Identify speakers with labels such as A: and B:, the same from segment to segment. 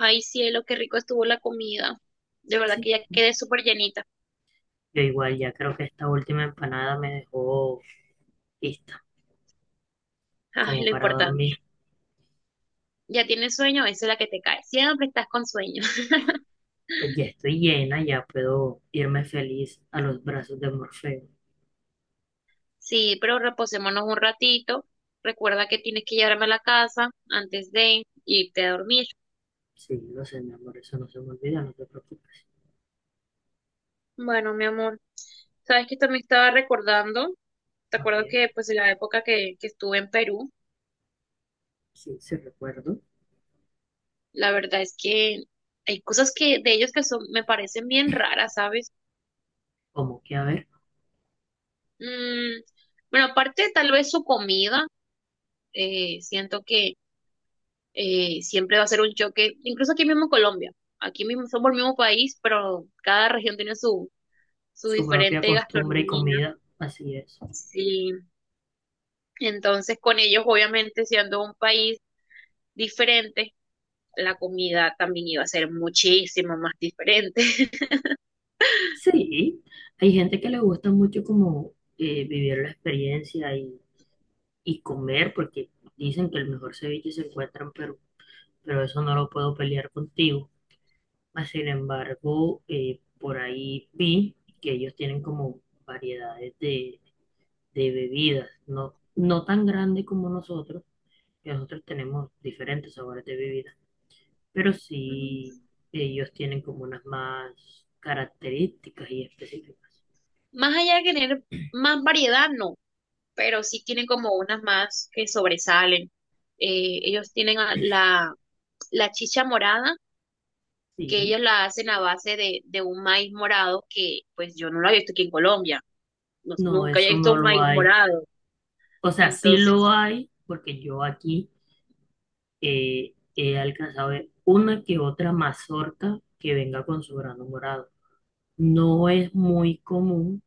A: Ay, cielo, qué rico estuvo la comida. De verdad
B: Sí,
A: que ya quedé súper llenita.
B: yo igual ya creo que esta última empanada me dejó lista
A: Ay,
B: como
A: lo
B: para dormir.
A: importante. ¿Ya tienes sueño? Esa es la que te cae. Siempre estás con sueño.
B: Pues ya estoy llena, ya puedo irme feliz a los brazos de Morfeo.
A: Sí, pero reposémonos un ratito. Recuerda que tienes que llevarme a la casa antes de irte a dormir.
B: Sí, lo sé, mi amor, eso no se me olvida, no te preocupes.
A: Bueno, mi amor, sabes que también estaba recordando, te
B: A
A: acuerdo
B: ver,
A: que pues en la época que estuve en Perú,
B: sí, recuerdo.
A: la verdad es que hay cosas que de ellos que son, me parecen bien raras, ¿sabes?
B: Como que, a ver,
A: Mm, bueno, aparte tal vez su comida. Siento que siempre va a ser un choque, incluso aquí mismo en Colombia, aquí mismo somos el mismo país, pero cada región tiene su
B: su propia
A: diferente
B: costumbre y
A: gastronomía.
B: comida, así es.
A: Sí, entonces con ellos, obviamente, siendo un país diferente, la comida también iba a ser muchísimo más diferente.
B: Sí, hay gente que le gusta mucho como vivir la experiencia y comer, porque dicen que el mejor ceviche se encuentra en Perú, pero eso no lo puedo pelear contigo. Mas, sin embargo, por ahí vi que ellos tienen como variedades de bebidas, no, no tan grandes como nosotros, que nosotros tenemos diferentes sabores de bebidas, pero
A: Mm,
B: sí ellos tienen como unas más características y específicas.
A: Más allá de tener más variedad, no, pero sí tienen como unas más que sobresalen. Ellos tienen la chicha morada, que
B: Sí,
A: ellos la hacen a base de un maíz morado que pues yo no lo había visto aquí en Colombia,
B: no,
A: nunca había
B: eso
A: visto
B: no
A: un
B: lo
A: maíz
B: hay.
A: morado.
B: O sea, sí lo
A: Entonces,
B: hay, porque yo aquí he alcanzado a ver una que otra mazorca que venga con su grano morado. No es muy común,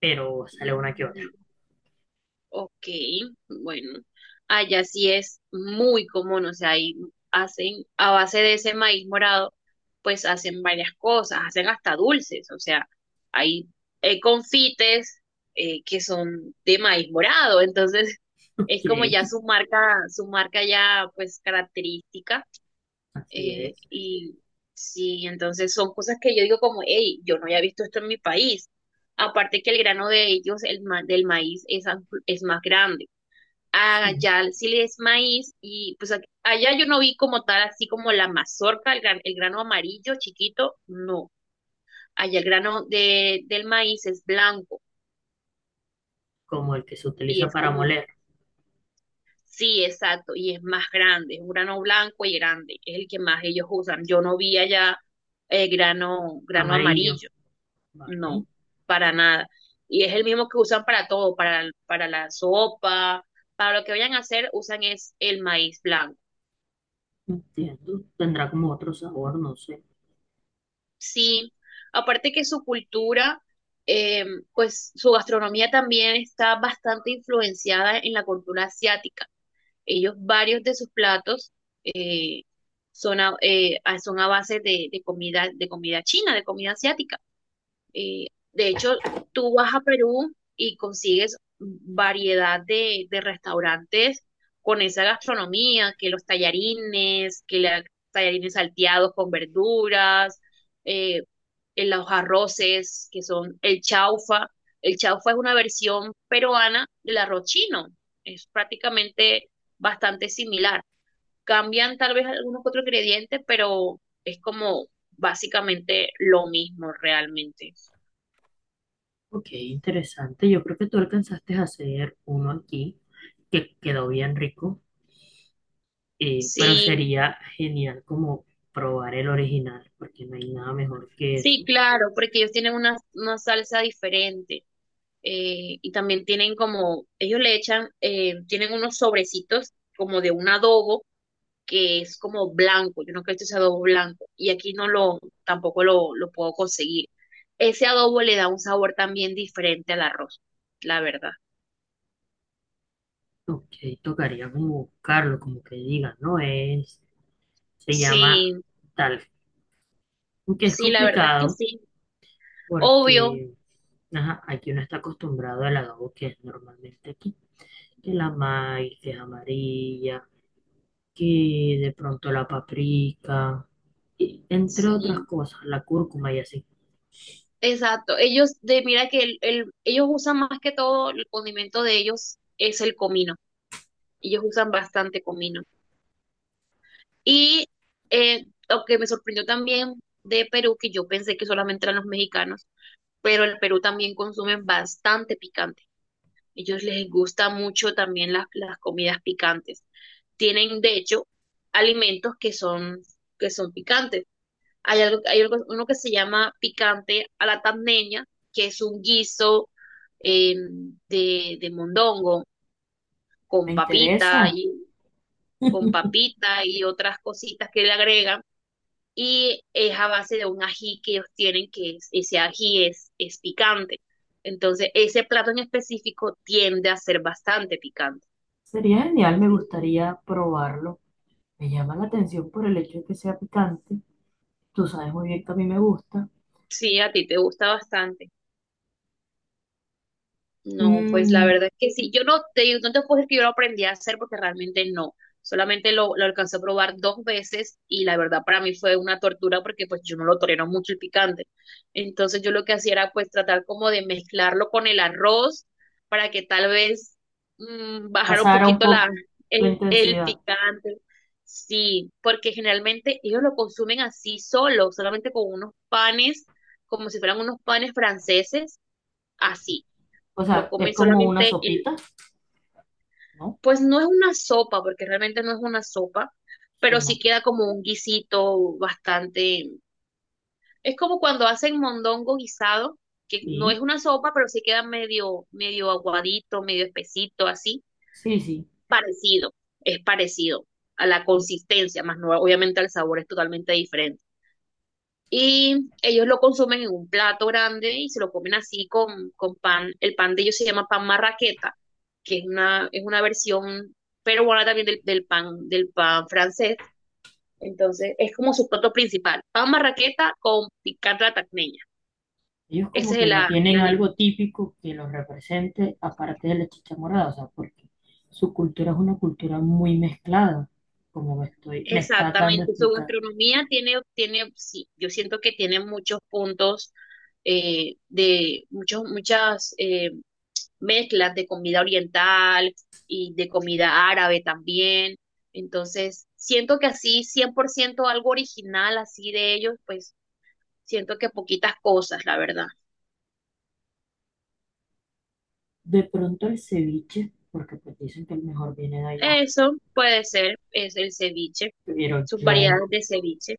B: pero sale una que otra.
A: mm, ok, bueno, allá sí es muy común, o sea, ahí hacen a base de ese maíz morado, pues hacen varias cosas, hacen hasta dulces, o sea, hay confites que son de maíz morado, entonces
B: Ok,
A: es como ya su marca ya pues característica.
B: así
A: Eh,
B: es.
A: y sí, entonces son cosas que yo digo como, hey, yo no había visto esto en mi país. Aparte que el grano de ellos, del maíz, es más grande.
B: Sí,
A: Allá sí es maíz y pues allá yo no vi como tal, así como la mazorca, el grano amarillo chiquito, no. Allá el grano del maíz es blanco
B: como el que se
A: y
B: utiliza
A: es
B: para
A: como,
B: moler,
A: sí, exacto, y es más grande, es un grano blanco y grande, es el que más ellos usan. Yo no vi allá grano
B: amarillo.
A: amarillo. No,
B: Vale,
A: para nada. Y es el mismo que usan para todo, para la sopa, para lo que vayan a hacer, usan es el maíz blanco.
B: entiendo. Tendrá como otro sabor, no sé.
A: Sí, aparte que su cultura, eh, pues su gastronomía también está bastante influenciada en la cultura asiática. Ellos, varios de sus platos eh, son a base de comida, de comida china, de comida asiática. Eh, de hecho, tú vas a Perú y consigues variedad de restaurantes con esa gastronomía, que los tallarines salteados con verduras, eh, en los arroces, que son el chaufa. El chaufa es una versión peruana del arroz chino. Es prácticamente bastante similar. Cambian tal vez algunos otros ingredientes, pero es como básicamente lo mismo realmente.
B: Ok, interesante. Yo creo que tú alcanzaste a hacer uno aquí que quedó bien rico, pero
A: Sí,
B: sería genial como probar el original, porque no hay nada mejor que eso.
A: sí, claro, porque ellos tienen una salsa diferente. Y también tienen como, ellos le echan, tienen unos sobrecitos como de un adobo que es como blanco, yo no creo que ese adobo blanco, y aquí tampoco lo puedo conseguir. Ese adobo le da un sabor también diferente al arroz, la verdad.
B: Ok, tocaría como buscarlo, como que digan, ¿no? Es, se llama...
A: Sí,
B: Tal. Aunque es
A: sí, la verdad es que
B: complicado
A: sí. Obvio,
B: porque ajá, aquí uno está acostumbrado al agavo que es normalmente aquí. Que la maíz, que es amarilla, que de pronto la paprika, y entre otras
A: sí.
B: cosas, la cúrcuma y así.
A: Exacto, ellos, mira que ellos usan más que todo, el condimento de ellos es el comino, ellos usan bastante comino. Y lo que me sorprendió también de Perú, que yo pensé que solamente eran los mexicanos, pero el Perú también consumen bastante picante. Ellos les gusta mucho también las comidas picantes. Tienen, de hecho, alimentos que son, picantes. Uno que se llama picante a la tandeña, que es un guiso eh, de mondongo
B: Me
A: con papita
B: interesa.
A: y con papita y otras cositas que le agregan. Y es a base de un ají que ellos tienen, ese ají es picante. Entonces, ese plato en específico tiende a ser bastante picante.
B: Sería genial, me gustaría probarlo. Me llama la atención por el hecho de que sea picante. Tú sabes muy bien que a mí me gusta.
A: Sí, a ti te gusta bastante. No, pues la
B: Mm,
A: verdad es que sí. Yo no te, digo- No te puedo decir que yo lo aprendí a hacer porque realmente no. Solamente lo alcancé a probar dos veces y la verdad para mí fue una tortura porque pues yo no lo tolero mucho el picante. Entonces yo lo que hacía era pues tratar como de mezclarlo con el arroz para que tal vez bajara un
B: pasara un
A: poquito la,
B: poco la
A: el
B: intensidad.
A: picante. Sí, porque generalmente ellos lo consumen así solo, solamente con unos panes, como si fueran unos panes franceses,
B: Ok.
A: así
B: O
A: lo
B: sea,
A: come
B: es como una
A: solamente el,
B: sopita, ¿no?
A: pues no es una sopa, porque realmente no es una sopa,
B: Sí,
A: pero sí
B: no.
A: queda como un guisito bastante, es como cuando hacen mondongo guisado, que no es
B: Sí,
A: una sopa, pero sí queda medio, medio aguadito, medio espesito, así,
B: sí.
A: parecido, es parecido a la consistencia, más no, obviamente el sabor es totalmente diferente. Y ellos lo consumen en un plato grande y se lo comen así con pan. El pan de ellos se llama pan marraqueta, que es una, versión peruana también del pan francés. Entonces, es como su plato principal. Pan marraqueta con picante de la tacneña.
B: Ellos como
A: Ese es
B: que no
A: la el
B: tienen algo
A: alimento.
B: típico que los represente aparte de la chicha morada, o sea, porque su cultura es una cultura muy mezclada, como me estás dando a
A: Exactamente. Su
B: explicar.
A: gastronomía tiene, sí, yo siento que tiene muchos puntos de muchos, muchas mezclas de comida oriental y de comida árabe también. Entonces, siento que así 100% algo original así de ellos, pues siento que poquitas cosas, la verdad.
B: De pronto el ceviche, porque pues dicen que el mejor viene de allá,
A: Eso puede ser, es el ceviche,
B: pero
A: sus variedades de ceviche.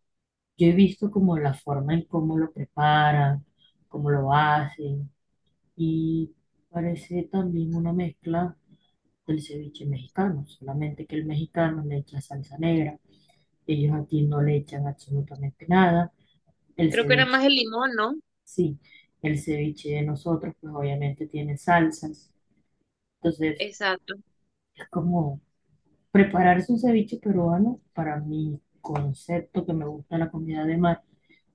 B: yo he visto como la forma en cómo lo preparan, cómo lo hacen, y parece también una mezcla del ceviche mexicano, solamente que el mexicano le echa salsa negra, ellos aquí no le echan absolutamente nada. El
A: Creo que era más
B: ceviche,
A: el limón, ¿no?
B: sí, el ceviche de nosotros pues obviamente tiene salsas, entonces
A: Exacto.
B: es como prepararse un ceviche peruano para mi concepto que me gusta la comida de mar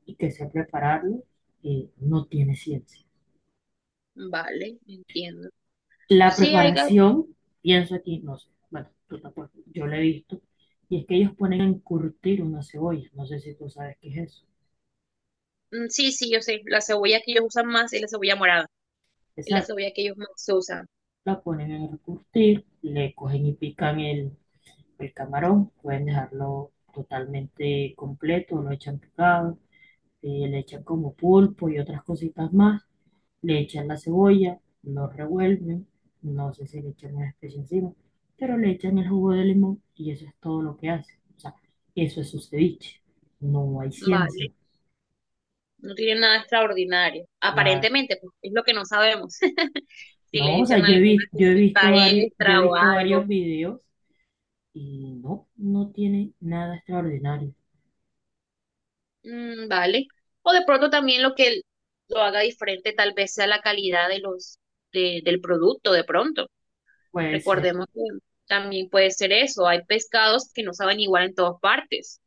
B: y que sé prepararlo, no tiene ciencia.
A: Vale, entiendo.
B: La
A: Sí,
B: preparación, pienso aquí, no sé, bueno, tú tampoco, yo la he visto, y es que ellos ponen a encurtir una cebolla, no sé si tú sabes qué es eso.
A: mm, sí, sí, yo sé, la cebolla que ellos usan más es la cebolla morada, es la
B: Exacto,
A: cebolla que ellos más usan.
B: la ponen a encurtir, le cogen y pican el camarón, pueden dejarlo totalmente completo, lo echan picado, le echan como pulpo y otras cositas más, le echan la cebolla, lo revuelven, no sé si le echan una especie encima, pero le echan el jugo de limón y eso es todo lo que hace. O sea, eso es su ceviche. No hay
A: Vale.
B: ciencia,
A: No tiene nada extraordinario.
B: nada.
A: Aparentemente, pues es lo que no sabemos. Si
B: No,
A: le
B: o sea,
A: echan alguna
B: yo he
A: cosita
B: visto varios, yo he
A: extra o
B: visto
A: algo.
B: varios videos y no, no tiene nada extraordinario.
A: Mm, vale. O de pronto también lo que lo haga diferente tal vez sea la calidad de los, del producto, de pronto.
B: Puede ser,
A: Recordemos que también puede ser eso. Hay pescados que no saben igual en todas partes,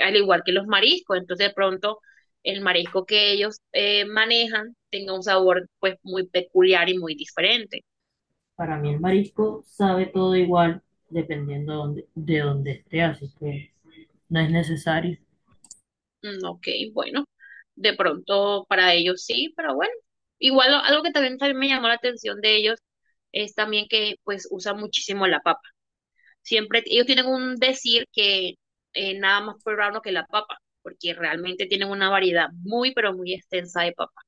A: al igual que los mariscos. Entonces, de pronto, el marisco que ellos manejan tenga un sabor pues muy peculiar y muy diferente.
B: para mí el marisco sabe todo igual dependiendo de dónde esté, así que no es necesario.
A: Mm, ok, bueno, de pronto para ellos sí, pero bueno, igual algo que también me llamó la atención de ellos es también que pues usan muchísimo la papa. Siempre ellos tienen un decir que nada más peruano que la papa, porque realmente tienen una variedad muy, pero muy extensa de papas.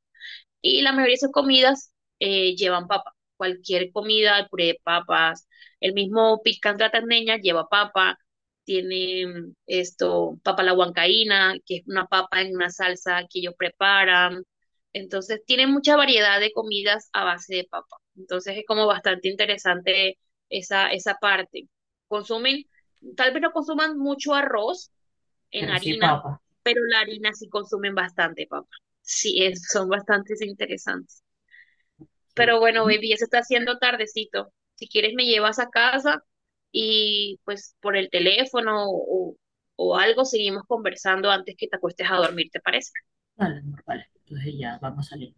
A: Y la mayoría de esas comidas llevan papa. Cualquier comida, el puré de papas, el mismo picante de la tandeña lleva papa. Tiene esto, papa a la huancaína, que es una papa en una salsa que ellos preparan. Entonces, tiene mucha variedad de comidas a base de papa. Entonces, es como bastante interesante esa parte. Consumen, tal vez no consuman mucho arroz en
B: Pero sí,
A: harina,
B: papa.
A: pero la harina sí consumen bastante, papá. Sí, son bastantes interesantes.
B: ¿Qué?
A: Pero bueno, baby, ya se está haciendo tardecito. Si quieres me llevas a casa y pues por el teléfono o algo seguimos conversando antes que te acuestes a dormir, ¿te parece?
B: Dale, amor, vale. Entonces ya vamos a salir.